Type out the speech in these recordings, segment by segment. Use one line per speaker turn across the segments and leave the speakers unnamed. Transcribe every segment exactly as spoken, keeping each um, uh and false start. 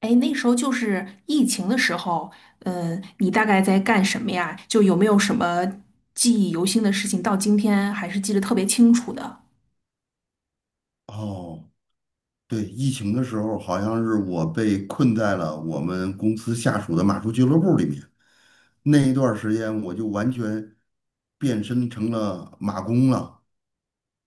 哎，那时候就是疫情的时候，嗯，你大概在干什么呀？就有没有什么记忆犹新的事情，到今天还是记得特别清楚的？
哦，对，疫情的时候好像是我被困在了我们公司下属的马术俱乐部里面，那一段儿时间我就完全变身成了马工了，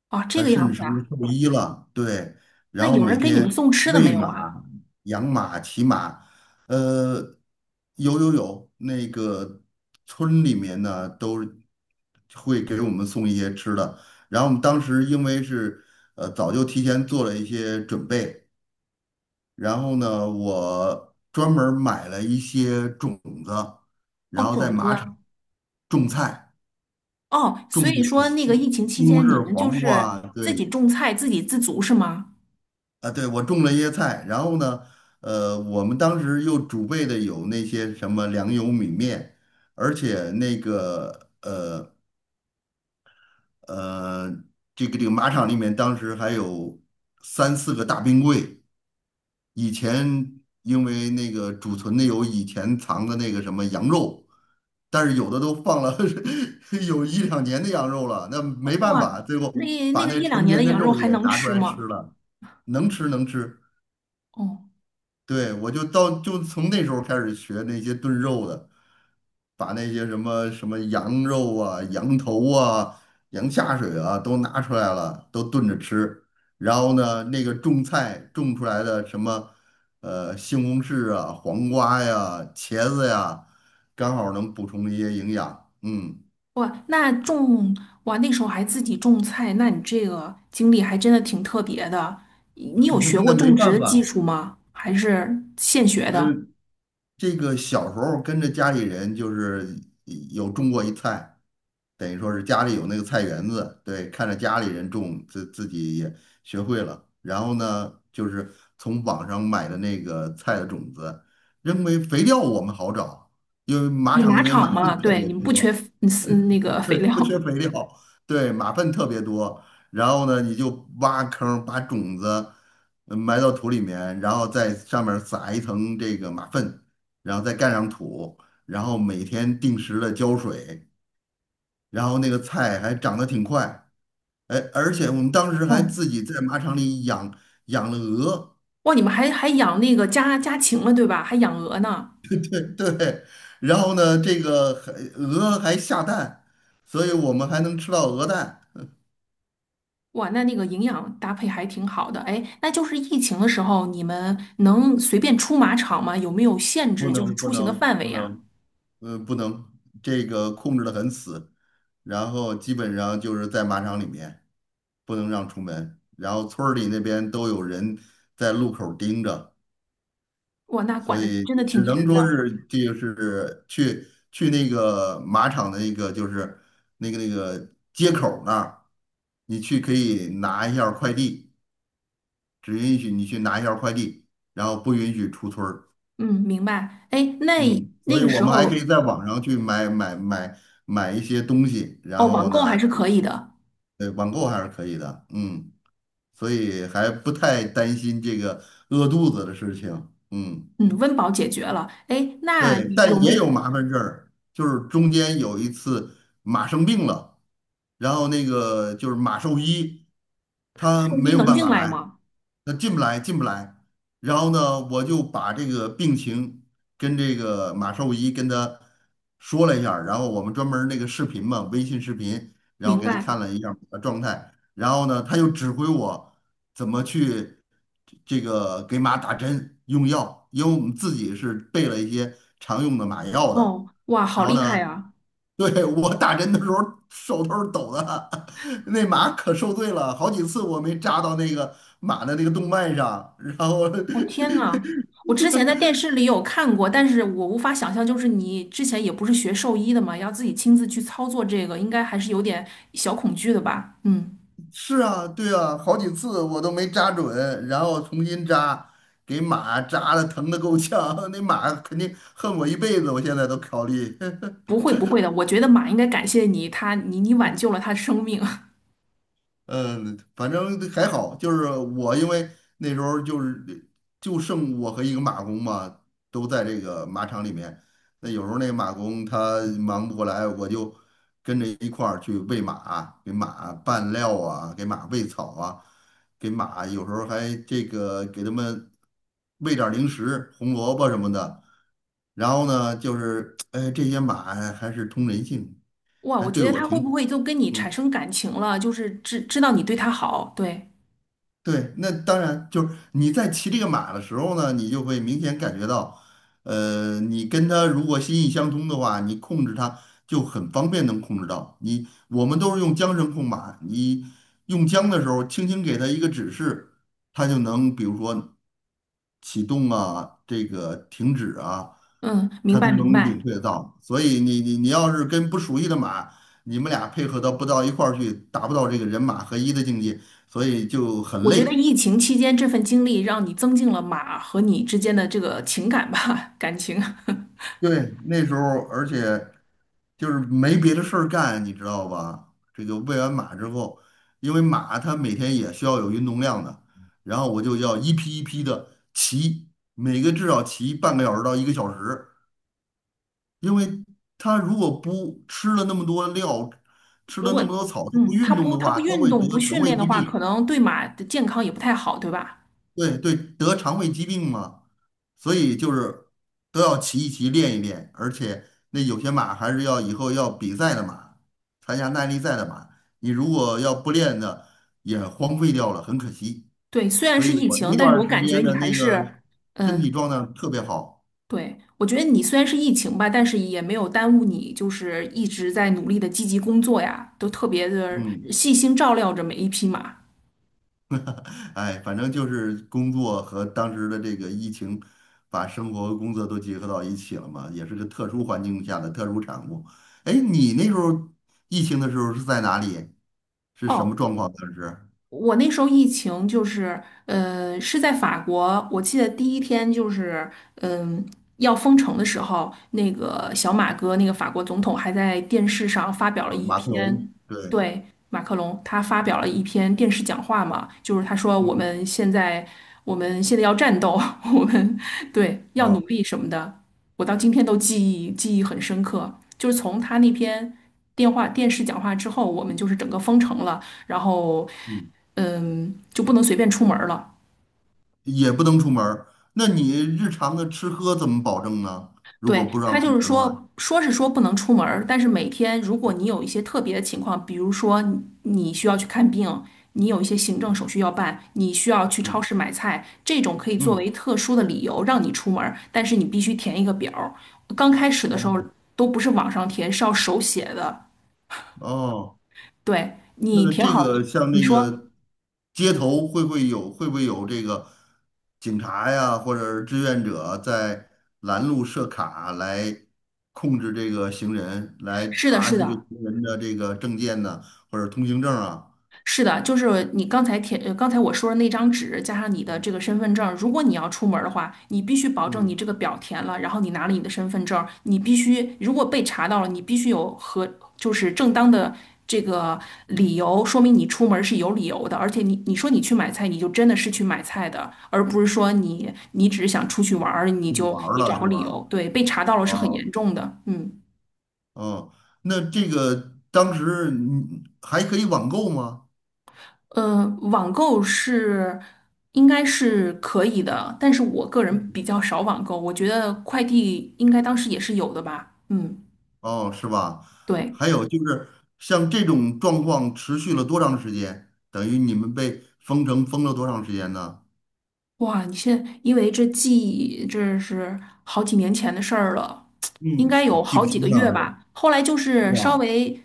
哦，这
还
个
甚至
样子
成了
啊。
兽医了。对，
那
然后
有
每
人给你们
天
送吃的没
喂
有啊？
马、养马、骑马，呃，有有有，那个村里面呢都会给我们送一些吃的，然后我们当时因为是呃早就提前做了一些准备。然后呢，我专门儿买了一些种子，
哦，
然后在
种子。
马场种菜，
哦，所
种的
以
有
说那个
西
疫情期
西红
间，你
柿、
们就
黄
是
瓜啊，
自己
对，
种菜，自给自足是吗？
啊，对，我种了一些菜。然后呢，呃，我们当时又储备的有那些什么粮油米面，而且那个呃，这个这个马场里面当时还有三四个大冰柜。以前因为那个储存的有以前藏的那个什么羊肉，但是有的都放了 有一两年的羊肉了，那没办
哇，
法，最后
那那
把
个
那
一两
陈
年的
年的
羊肉
肉
还
也
能
拿出
吃
来吃
吗？
了，能吃能吃。
哦。
对，我就到就从那时候开始学那些炖肉的，把那些什么什么羊肉啊、羊头啊、羊下水啊都拿出来了，都炖着吃。然后呢，那个种菜种出来的什么呃西红柿啊、黄瓜呀、茄子呀，刚好能补充一些营养。嗯，
哇，那种哇，那时候还自己种菜，那你这个经历还真的挺特别的。你你有学 过
那没
种植
办
的技
法。
术吗？还是现学
那。
的？
这个小时候跟着家里人就是有种过一菜，等于说是家里有那个菜园子，对，看着家里人种，自自己也学会了。然后呢，就是从网上买的那个菜的种子，认为肥料我们好找，因为马
你
场里
马
面
场
马粪
嘛，
特
对，
别
你们不缺
多，
嗯嗯，那个肥
对，
料。
不缺肥料，对，马粪特别多。然后呢，你就挖坑儿，把种子呃埋到土里面，然后在上面儿撒一层这个马粪，然后再盖上土，然后每天定时的浇水，然后那个菜还长得挺快。哎，而且我们当时还
哦，
自己在马场里养养了鹅，
哇，你们还还养那个家家禽了，对吧？还养鹅呢。
对，然后呢，这个还鹅还下蛋，所以我们还能吃到鹅蛋。
哇，那那个营养搭配还挺好的。哎，那就是疫情的时候，你们能随便出马场吗？有没有限
不
制，就是
能不
出行的
能
范围
不
呀？
能，嗯，不能，这个控制的很死，然后基本上就是在马场里面不能让出门，然后村儿里那边都有人在路口儿盯着，
哇，那管
所
的
以
真的挺
只能
严
说
的。
是就是去去那个马场的那个就是那个那个街口儿那儿，你去可以拿一下儿快递，只允许你去拿一下儿快递，然后不允许出村儿。
嗯，明白。哎，那
嗯，所
那
以
个
我
时
们还可
候，
以在网上去买买买买一些东西，然
哦，网
后
购还
呢，
是
这
可
个
以的。
对，网购还是可以的，嗯，所以还不太担心这个饿肚子的事情，嗯。
嗯，温饱解决了。哎，那
对，
有
但也
没
有麻烦事儿，就是中间有一次马生病了，然后那个就是马兽医，他
兽
没
医
有
能
办
进
法
来
来，
吗？
他进不来，进不来。然后呢，我就把这个病情跟这个马兽医跟他说了一下儿然后我们专门儿那个视频嘛，微信视频，然后
明
给他
白。
看了一下儿我的状态，然后呢，他又指挥我。怎么去这个给马打针用药，因为我们自己是备了一些常用的马药的。
哦，哇，好
然后
厉
呢，
害呀！
对，我打针的时候手都是抖的，那马可受罪了，好几次我没扎到那个马的那个动脉上，然后
哦，天呐，我之前在电视里有看过，但是我无法想象，就是你之前也不是学兽医的嘛，要自己亲自去操作这个，应该还是有点小恐惧的吧？嗯，
是啊，对啊，好几次我都没扎准，然后重新扎，给马扎的疼的够呛，那马肯定恨我一辈子，我现在都考虑。
不会不会的，我觉得马应该感谢你，它你你挽救了它的生命。
嗯，反正还好，就是我因为那时候就是就剩我和一个马工嘛，都在这个马场里面。那有时候那个马工他忙不过来，我就跟着一块儿去喂马，给马拌料啊，给马喂草啊，给马有时候还这个给他们喂点儿零食，红萝卜什么的。然后呢，就是哎，这些马还是通人性，
哇，
还
我
对
觉得
我
他会
挺好。
不会就跟你产生感情了？就是知知道你对他好，对，
对，那当然就是你在骑这个马的时候呢，你就会明显感觉到，呃，你跟它如果心意相通的话，你控制它就很方便能控制到。你我们都是用缰绳控马，你用缰的时候，轻轻给它一个指示，它就能比如说启动啊，这个停止啊，
嗯，明
它
白
都
明
能领
白。
会得到。所以你你你要是跟不熟悉的马，你们俩配合到不到一块儿去，达不到这个人马合一的境界。所以就很
我觉得
累。
疫情期间这份经历让你增进了马和你之间的这个情感吧，感情。
对，那时候而且就是没别的事儿干，你知道吧？这个喂完马之后，因为马它每天也需要有运动量的，然后我就要一批一批的骑，每个至少骑半个小时到一个小时，因为它如果不吃了那么多料，吃
如
了
果
那么多草，它不
嗯，他
运动
不
的
他不
话，它
运
会
动
得
不
肠
训
胃
练的
疾
话，可
病。
能对马的健康也不太好，对吧？
对对，得肠胃疾病嘛，所以就是都要骑一骑，练一练，而且那有些马还是要以后要比赛的马，参加耐力赛的马，你如果要不练的，也荒废掉了，很可惜。
对，虽然
所
是
以
疫
我
情，
那
但
段
是
儿
我
时
感觉
间
你
的
还
那
是，
个身体
嗯、
状态特别好，
对，我觉得你虽然是疫情吧，但是也没有耽误你，就是一直在努力的积极工作呀，都特别的
嗯。
细心照料着每一匹马。
哎，反正就是工作和当时的这个疫情，把生活和工作都结合到一起了嘛，也是个特殊环境下的特殊产物。哎，你那时候疫情的时候是在哪里？是什么
哦，
状况？当时
我那时候疫情就是，呃，是在法国，我记得第一天就是，嗯、要封城的时候，那个小马哥，那个法国总统还在电视上发表了
啊，
一
马克龙，
篇，
对，
对，马克龙，他发表了一篇电视讲话嘛，就是他说我
嗯，
们现在，我们现在要战斗，我们对要努
啊，
力什么的，我到今天都记忆记忆很深刻，就是从他那篇电话电视讲话之后，我们就是整个封城了。然后
嗯，
嗯，就不能随便出门儿了。
也不能出门儿。那你日常的吃喝怎么保证呢？如果
对，
不让
他
出
就
门
是
儿的话，
说，说是说不能出门儿，但是每天如果你有一些特别的情况，比如说你你需要去看病，你有一些行政手续要办，你需要去超
嗯
市买菜，这种可以作为
嗯，
特殊的理由让你出门儿，但是你必须填一个表儿。刚开始的时候
哦
都不是网上填，是要手写的。
哦。
对，你
那
填好，
这个像
你
那
说
个街头会不会有会不会有这个警察呀，或者是志愿者在拦路设卡来控制这个行人，来
是的，
查
是
这个
的。
行人的这个证件呢，或者通行证啊？
是的，就是你刚才填，呃刚才我说的那张纸，加上你的
嗯
这个身份证，如果你要出门儿的话，你必须保证你
嗯，
这个表填了，然后你拿了你的身份证，你必须如果被查到了，你必须有和就是正当的这个理由，说明你出门儿是有理由的，而且你你说你去买菜，你就真的是去买菜的，而不是说你你只是想出去玩儿，你
出去
就
玩儿
你
了
找个
是
理
吧？
由，对，被查到了是很
哦
严重的，嗯。
哦，那这个当时你还可以网购吗？
呃，网购是应该是可以的，但是我个人比较少网购，我觉得快递应该当时也是有的吧。嗯，
哦，是吧？
对。
还有就是像这种状况持续了多长时间？等于你们被封城封了多长时间呢？
哇，你现在因为这记忆，这是好几年前的事儿了，应
嗯，
该有
记
好
不
几个
清了，
月吧。后来就
是
是稍
吧？
微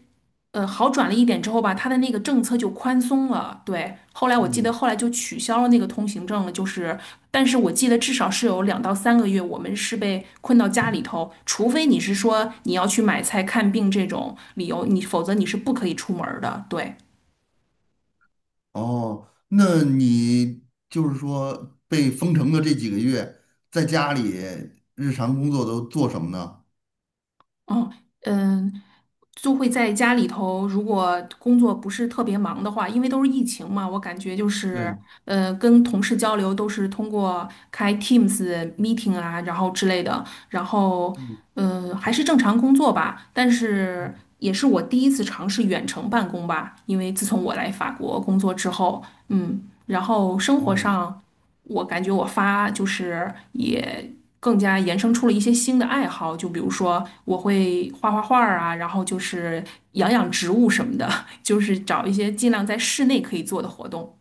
呃好转了一点之后吧，他的那个政策就宽松了。对，后来我记得
嗯，
后来就取消了那个通行证了，就是，但是我记得至少是有两到三个月，我们是被困到家里头，除非你是说你要去买菜、看病这种理由，你否则你是不可以出门儿的。对，
哦，那你就是说被封城的这几个月，在家里日常工作都做什么呢？
嗯。嗯，就会在家里头，如果工作不是特别忙的话，因为都是疫情嘛，我感觉就是，
对，
呃，跟同事交流都是通过开 Teams meeting 啊，然后之类的，然后，
嗯，
嗯，还是正常工作吧。但是也是我第一次尝试远程办公吧，因为自从我来法国工作之后，嗯，然后生活
哦。
上。我感觉我发就是也更加延伸出了一些新的爱好，就比如说我会画画画儿啊，然后就是养养植物什么的，就是找一些尽量在室内可以做的活动。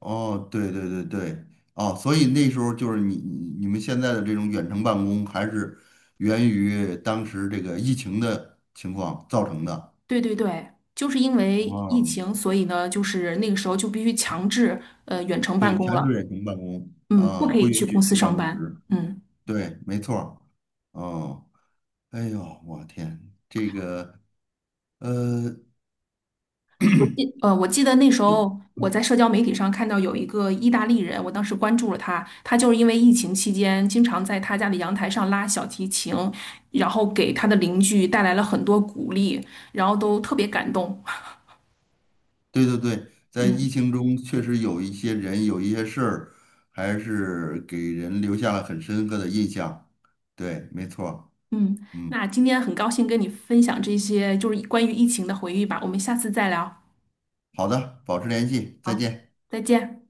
哦，对对对对，哦，所以那时候就是你你你们现在的这种远程办公，还是源于当时这个疫情的情况造成的。
对对对，就是因为疫
哦，
情，所以呢，就是那个时候就必须强制呃远程办
对，
公
全
了，
是远程办公
嗯，不
啊，
可
不
以去
允许
公司
进办
上
公
班，
室。
嗯。
对，没错儿。哦，哎呦，我天，这个呃，
我记呃，我记得那时候我在社交媒体上看到有一个意大利人，我当时关注了他，他就是因为疫情期间经常在他家的阳台上拉小提琴，然后给他的邻居带来了很多鼓励，然后都特别感动。
对对对，在疫
嗯。
情中确实有一些人有一些事儿，还是给人留下了很深刻的印象。对，没错儿。
嗯，
嗯。
那今天很高兴跟你分享这些就是关于疫情的回忆吧，我们下次再聊。
好的，保持联系，再
好，
见。
再见。